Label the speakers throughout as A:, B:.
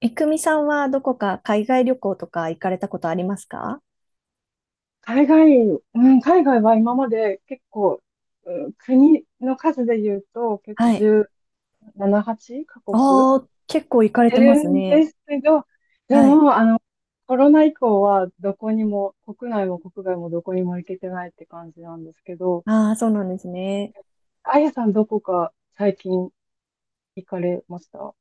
A: え、くみさんはどこか海外旅行とか行かれたことありますか？
B: 海外、うん、海外は今まで結構、うん、国の数で言うと結構
A: はい。
B: 17、8カ国
A: ああ、結構行かれ
B: い
A: てま
B: る
A: す
B: ん
A: ね。
B: ですけど、で
A: はい。
B: も、コロナ以降はどこにも、国内も国外もどこにも行けてないって感じなんですけど、
A: ああ、そうなんですね。
B: あやさんどこか最近行かれました？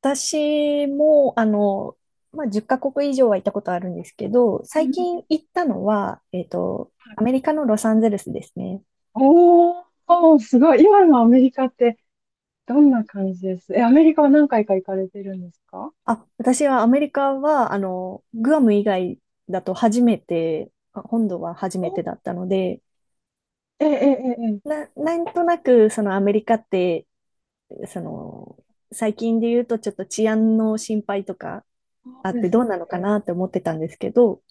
A: 私も、あの、まあ、10カ国以上は行ったことあるんですけど、最近行ったのは、アメリカのロサンゼルスですね。
B: おー、すごい。今のアメリカってどんな感じです？え、アメリカは何回か行かれてるんですか？
A: あ、私はアメリカは、あの、グアム以外だと初めて、あ、本土は初め
B: お、
A: てだったので、
B: ええええええ。
A: なんとなく、そのアメリカってその、最近で言うとちょっと治安の心配とか
B: そ
A: あ
B: う
A: っ
B: で
A: て、
B: す
A: ど
B: よ
A: うなのか
B: ね。
A: なって思ってたんですけど、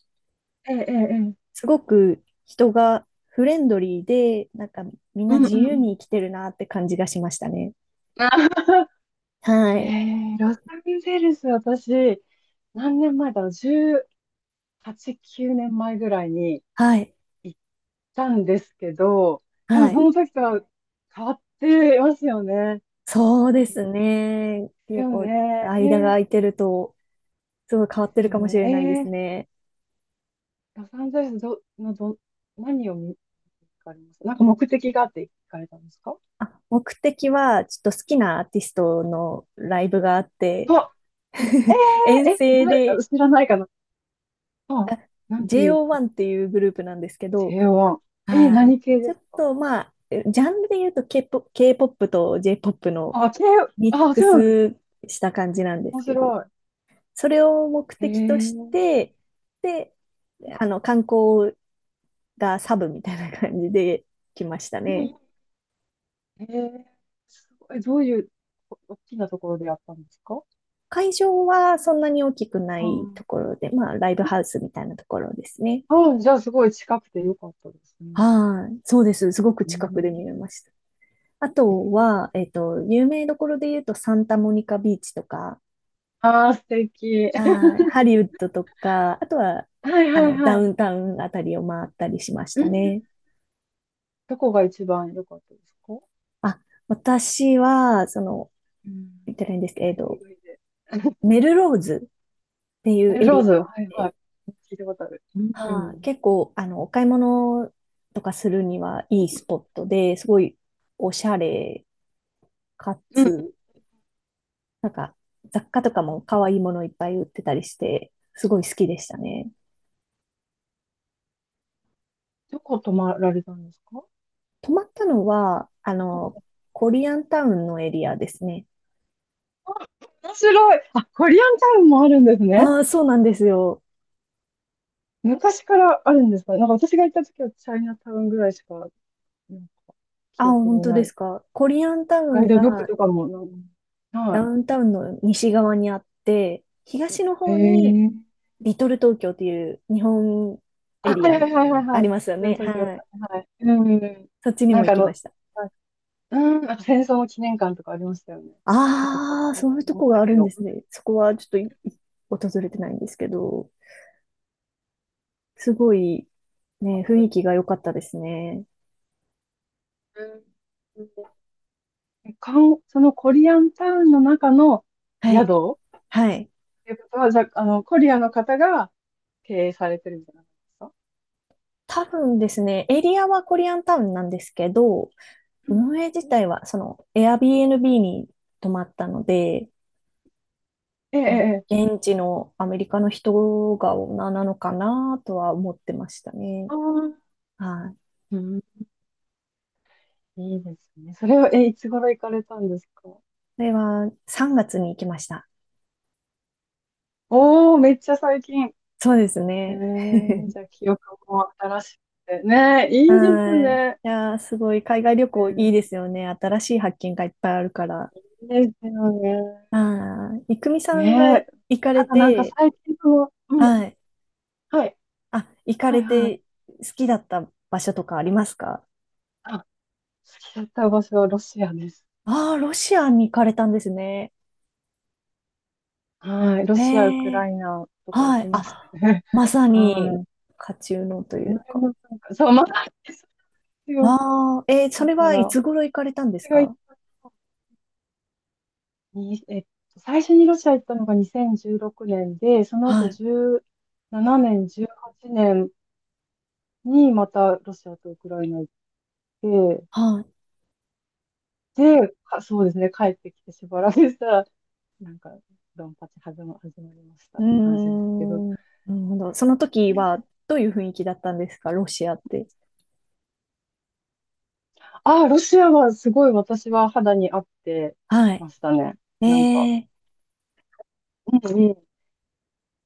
B: ええ、ええ、ええ。
A: すごく人がフレンドリーで、なんかみん
B: う
A: な
B: んう
A: 自
B: ん
A: 由
B: うん。
A: に生きてるなって感じがしましたね。
B: あー
A: は
B: え
A: い。
B: え、ロサンゼルス、私、何年前だろう、18、9年前ぐらいに
A: はい。
B: 行ったんですけど、多分
A: は
B: そ
A: い。
B: の時とは変わってますよね。
A: そうで
B: で
A: すね。
B: す
A: 結
B: よ
A: 構、
B: ね。え
A: 間が
B: え、
A: 空いてると、すごい変
B: で
A: わって
B: すよ
A: るかもしれないで
B: ね。
A: す
B: ええ、
A: ね。
B: ロサンゼルスど、のど、何を見、行かれますなんか目的があって行かれたんですか？
A: あ、目的は、ちょっと好きなアーティストのライブがあって
B: あ、え
A: 遠
B: え、え、
A: 征で、
B: だ知らないかな。あ、
A: あ、
B: なんていう。
A: JO1 っていうグループなんですけど、
B: K1。
A: はい。
B: 何系
A: ちょ
B: で
A: っ
B: すか？
A: とまあ、ジャンルで言うと K-POP、k ポップと J-POP の
B: あ、K、
A: ミッ
B: あ、
A: ク
B: そうなんです。
A: スした感じなんです
B: 面白
A: けど、
B: い。
A: それを目
B: え
A: 的とし
B: ー、
A: て、で、あの、観光がサブみたいな感じで来ましたね。
B: えー、すごい。どういう大きなところでやったんですか？
A: 会場はそんなに大きくないと
B: あ
A: ころで、まあ、ライブハウスみたいなところですね。
B: あ、あじゃあすごい近くてよかったですね。
A: はい。そうです。すごく
B: う
A: 近く
B: ん、
A: で見れました。あとは、有名どころで言うと、サンタモニカビーチとか、
B: ああ、素敵。
A: はい、ハリウッドとか、あとは、
B: はい
A: あ
B: はい
A: の、ダ
B: はい。
A: ウンタウンあたりを回ったりしまし
B: うん、
A: たね。
B: どこが一番良かったですか？
A: あ、私は、その、
B: うん。
A: 言ってないんです
B: ラ
A: け
B: イブ以
A: ど、
B: 外で。
A: メルローズっていう
B: え、
A: エ
B: ロ
A: リ
B: ー
A: アが
B: ズ、は
A: あっ
B: いは
A: て、
B: い。聞いたことある。うん。う
A: は
B: ん。
A: い、結構、あの、お買い物とかするにはいいスポットで、すごいおしゃれか
B: うん。
A: つ、なんか、雑貨とかも可愛いものいっぱい売ってたりして、すごい好きでしたね。
B: どこ泊まられたんですか？
A: 泊まったのは、あの、コリアンタウンのエリアですね。
B: 面白い。あ、コリアンタウンもあるんですね。
A: ああ、そうなんですよ。
B: 昔からあるんですか？なんか私が行った時はチャイナタウンぐらいしか、なんか
A: あ、
B: 記憶
A: 本
B: に
A: 当
B: な
A: で
B: い。
A: すか？コリアンタウ
B: ガイ
A: ン
B: ドブック
A: が
B: とかもなんか、
A: ダ
B: は
A: ウンタウンの西側にあって、東の
B: い。へ
A: 方に
B: え。
A: リトル東京という日本エ
B: あ、は
A: リ
B: い
A: アみ
B: はい
A: たい
B: は
A: な
B: いはい
A: のあ
B: はい。
A: りますよね。
B: 東京、は
A: はい。
B: い。うん。
A: そっちに
B: な
A: も
B: ん
A: 行
B: か
A: きました。
B: はいうん、なんか戦争の記念館とかありましたよね。結構され
A: ああ、
B: て
A: そういうと
B: ま
A: こ
B: した
A: があ
B: け
A: るんで
B: ど。う
A: すね。そこはちょっといい、訪れてないんですけど、すごい
B: ま
A: ね、雰囲
B: く
A: 気が良かったですね。
B: うん。うんかんそのコリアンタウンの中の
A: はい。
B: 宿っ
A: はい。
B: ていうことは、じゃあ、コリアの方が、経営されてるんじゃないですか？
A: 多分ですね、エリアはコリアンタウンなんですけど、
B: うん
A: 運営自体はその Airbnb に泊まったので、
B: ええ、
A: まあ、
B: ええ。
A: 現地のアメリカの人が女なのかなとは思ってましたね。
B: ああ、
A: はい。
B: うん、いいですね。それを、いつ頃行かれたんですか？
A: それは3月に行きました。
B: おー、めっちゃ最近。
A: そうです
B: え
A: ね。
B: え、じゃあ記憶も新しくて。ねえ、いいです
A: はい。
B: ね。
A: いやー、すごい海外旅
B: え
A: 行いいです
B: え、
A: よね。新しい発見がいっぱいあるから。
B: いいですよね。
A: はい。いくみさんが
B: ねえ、
A: 行かれ
B: ただなんか
A: て、
B: 最近う
A: は
B: ん、
A: い。
B: はい、
A: あ、行か
B: はい、
A: れ
B: はい。
A: て好きだった場所とかありますか？
B: あ、好きだった場所はロシアです。
A: ああー、ロシアに行かれたんですね。
B: はい、ロ
A: へ
B: シア、ウク
A: え、
B: ライナとか行
A: は
B: き
A: い。
B: まし
A: あ、
B: たね。
A: ま さ
B: は
A: に、
B: い。
A: 家中のとい
B: この
A: う
B: 辺
A: か。
B: もなんか、そう、まだです、
A: ああ、そ
B: だ
A: れ
B: か
A: はい
B: ら、
A: つ頃行かれたんです
B: 私が行っ
A: か？
B: たのに、最初にロシア行ったのが2016年で、その
A: は
B: 後
A: い。
B: 17年、18年にまたロシアとウクライナ行って、
A: はい。
B: で、そうですね、帰ってきてしばらくしたら、なんか、ドンパチ始まりました
A: う
B: っ
A: ー
B: て感じですけど。
A: ん。なるほど。その時はどういう雰囲気だったんですか？ロシアって。
B: ああ、ロシアはすごい私は肌に合って
A: はい。
B: ましたね。
A: え
B: なんか、
A: え、
B: うんうん、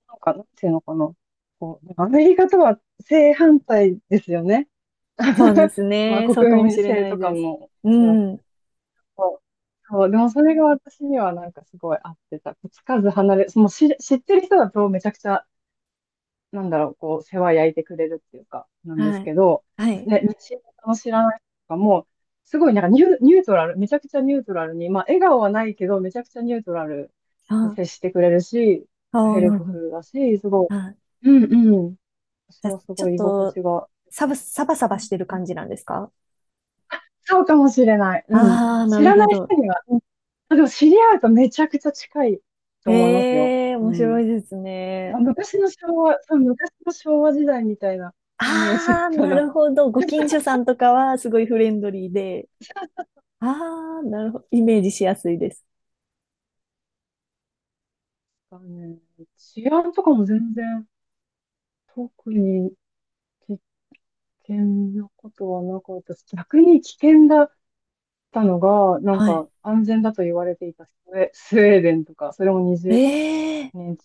B: なんか、なんていうのかな。こう、アメリカとは正反対ですよね。
A: そうで す
B: まあ、
A: ね。そう
B: 国
A: かも
B: 民
A: しれ
B: 性
A: ない
B: とか
A: です。
B: も
A: う
B: おそらく
A: ん。
B: そうそう、でもそれが私にはなんかすごい合ってた。つかず離れ、もう知ってる人だとめちゃくちゃ、なんだろう、こう、世話焼いてくれるっていうか、なんで
A: は
B: す
A: い。
B: けど、
A: はい。
B: ね、知らない人とかも、すごいなんかニュートラル、めちゃくちゃニュートラルに、まあ、笑顔はないけど、めちゃくちゃニュートラルに
A: あ
B: 接してくれるし、
A: あ、ああ、
B: ヘ
A: な
B: ル
A: る
B: プ
A: ほ
B: フ
A: ど。
B: ルだし、すご
A: はい、
B: い、うんうん、私
A: じゃあ、
B: はす
A: ちょ
B: ご
A: っ
B: い居心
A: と、
B: 地が良かっ
A: サバサバしてる
B: た、
A: 感じなんですか？
B: そうかもしれない。うん。
A: ああー、な
B: 知
A: る
B: らな
A: ほ
B: い
A: ど。
B: 人には、うん。あ、でも知り合うとめちゃくちゃ近いと思いますよ。
A: ええ、
B: う
A: 面白
B: ん。
A: いです
B: あ、
A: ね。
B: 昔の昭和、そう、昔の昭和時代みたいなイメージ
A: ああー、
B: か
A: な
B: な。
A: るほど。ご近所さんとかはすごいフレンドリーで、ああ、なるほど。イメージしやすいです。
B: だね。治安とかも全然特に危険なことはなかったし、逆に危険だったのが、なん
A: はい。
B: か安全だと言われていたスウェーデンとか、それも
A: ええ、
B: 20、ね、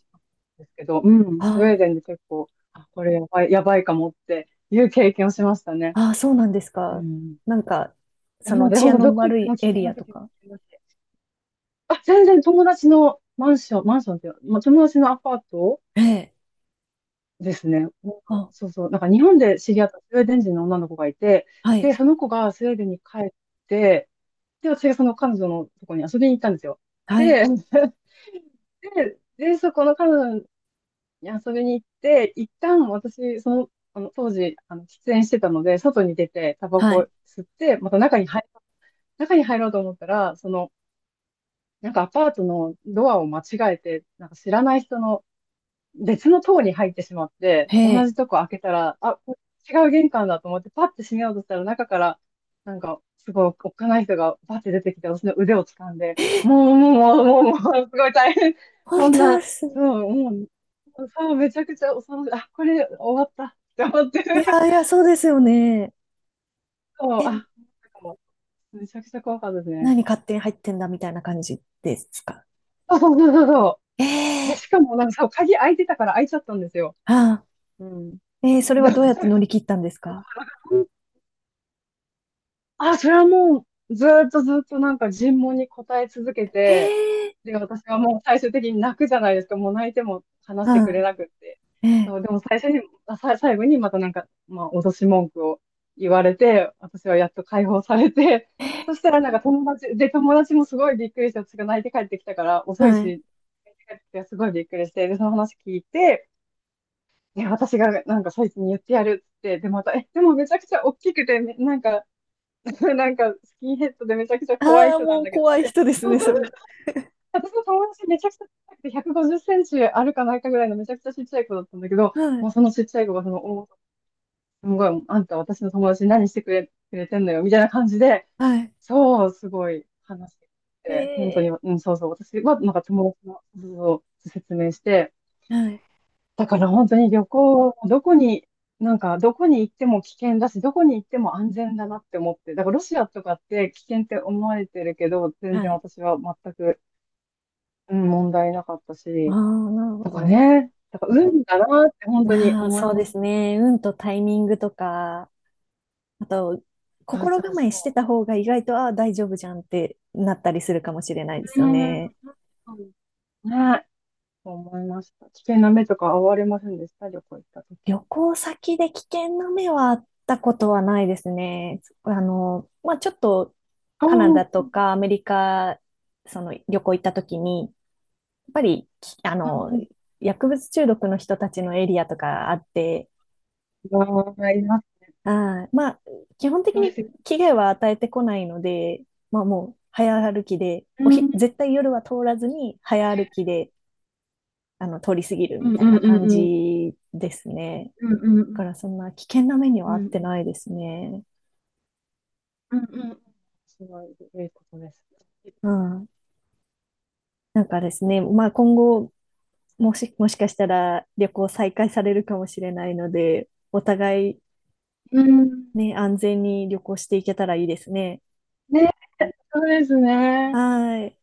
B: ですけど、うん、
A: あ
B: スウェーデンで結構、あ、これやばい、やばいかもっていう経験をしましたね。
A: あ、そうなんです
B: う
A: か？
B: ん。
A: なんか、
B: な
A: そ
B: の
A: の
B: で、
A: 治
B: ほん
A: 安
B: とど
A: の
B: こ行っ
A: 悪
B: て
A: い
B: も危
A: エ
B: 険
A: リ
B: な
A: アと
B: 時も
A: か。
B: ありますしあ、全然友達のマンションっていうか、まあ、友達のアパート
A: ええ、
B: ですね。なんか、
A: あ、
B: そうそう、なんか日本で知り合ったスウェーデン人の女の子がいて、
A: は
B: で、
A: い、
B: その子がスウェーデンに帰って、で、私がその彼女のとこに遊びに行ったんですよ。
A: はい、
B: で、で、そこの彼女に遊びに行って、一旦私、あの当時、喫煙してたので、外に出て、タバ
A: は
B: コ
A: い、
B: 吸って、また中に入ろうと思ったら、なんかアパートのドアを間違えて、なんか知らない人の別の棟に入ってしまって、
A: へ
B: 同
A: え。
B: じとこ開けたら、あ、これ違う玄関だと思って、パッて閉めようとしたら、中から、なんか、すごい、おっかない人がパッて出てきて、私の腕を掴んで、
A: え、
B: もう、もう、もう、もう、もう、すごい大変。そ
A: 本
B: ん
A: 当で
B: な、そ
A: す。
B: う、もう、そう、めちゃくちゃ恐ろしい。あ、これ終わったって思って。
A: いやいや、そうですよ
B: そう、
A: ね。
B: そうあ、なんかもうめちゃくちゃ怖かったですね。
A: 何勝手に入ってんだみたいな感じですか？
B: そうそうそうそうそ
A: え
B: う。で、
A: え、
B: しかも、なんかそう、鍵開いてたから開いちゃったんですよ。
A: あ
B: うん。
A: あ、それはどうやって乗 り切ったんですか？
B: あ、それはもう、ずーっとずーっとなんか尋問に答え続け
A: へ
B: て、
A: え、
B: で、私はもう最終的に泣くじゃないですか。もう泣いても話
A: は
B: してく
A: あ、
B: れなくって。
A: え
B: そう、でも最初に、あ、さ、最後にまたなんか、まあ、脅し文句を言われて、私はやっと解放されて、そ
A: え、
B: したらなんか友達、で、友達もすごいびっくりして、私が泣いて帰ってきたから、遅い
A: はい。
B: し、泣いて帰ってきたからすごいびっくりして、で、その話聞いて、いや、私がなんかそいつに言ってやるっつって、で、また、でもめちゃくちゃ大きくて、なんか、なんか、スキンヘッドでめちゃくちゃ怖い
A: ああ、
B: 人なん
A: もう
B: だけど、
A: 怖い人です
B: そ
A: ね、
B: うそ
A: そ
B: う
A: れ。
B: 私の友達めちゃくちゃ小さくて150センチあるかないかぐらいのめちゃくちゃちっちゃい子だったんだけど、
A: は
B: もう
A: い、
B: そのちっちゃい子がその、おーすごい、あんた私の友達に何してくれてんのよ、みたいな感じで、
A: はい。
B: そう、すごい話してく
A: え
B: れて、本当に、
A: え、
B: うん、そうそう、私はなんか友達の、そうそう説明して、
A: はい、
B: だから本当に旅行、どこに、なんかどこに行っても危険だし、どこに行っても安全だなって思って、だからロシアとかって危険って思われてるけど、全
A: は
B: 然
A: い。
B: 私は全く、うん、問題なかった
A: ああ、
B: し、
A: なるほ
B: とか
A: ど。
B: ね、だから運だなって本当に
A: まあ、
B: 思い
A: そう
B: ま
A: で
B: す
A: す
B: ね。
A: ね。運とタイミングとか、あと、
B: そう
A: 心
B: そう
A: 構えして
B: そ
A: た方が意外と、ああ、大丈夫じゃんってなったりするかもしれないです
B: う。う
A: よ
B: ん、うん
A: ね。
B: ね、そう思いました。危険な目とか遭われませんでした、旅行行った時。
A: 旅行先で危険な目はあったことはないですね。あの、まあ、ちょっと
B: ああ、
A: カナ
B: う
A: ダ
B: ん
A: とかアメリカ、その旅行行った時に、やっぱり、あの、
B: う
A: 薬物中毒の人たちのエリアとかあって、
B: ん。わあ、います。
A: あー、まあ、基本的
B: そうで
A: に
B: す。
A: 危害は与えてこないので、まあ、もう早歩きで、
B: うん、
A: 絶対夜は通らずに早歩きで、あの、通り過ぎる
B: う
A: み
B: んう
A: たい
B: ん
A: な
B: うん
A: 感
B: うん。
A: じですね。
B: うんうんう
A: だ
B: ん。
A: からそんな危険な目に
B: う
A: はあ
B: んう
A: って
B: ん
A: ないですね。
B: うんうん。すごい良いことです。
A: うん。なんかですね、まあ、今後、もしかしたら旅行再開されるかもしれないので、お互い
B: うん。
A: ね、安全に旅行していけたらいいですね。
B: ね、そうです
A: は
B: ね。
A: ーい。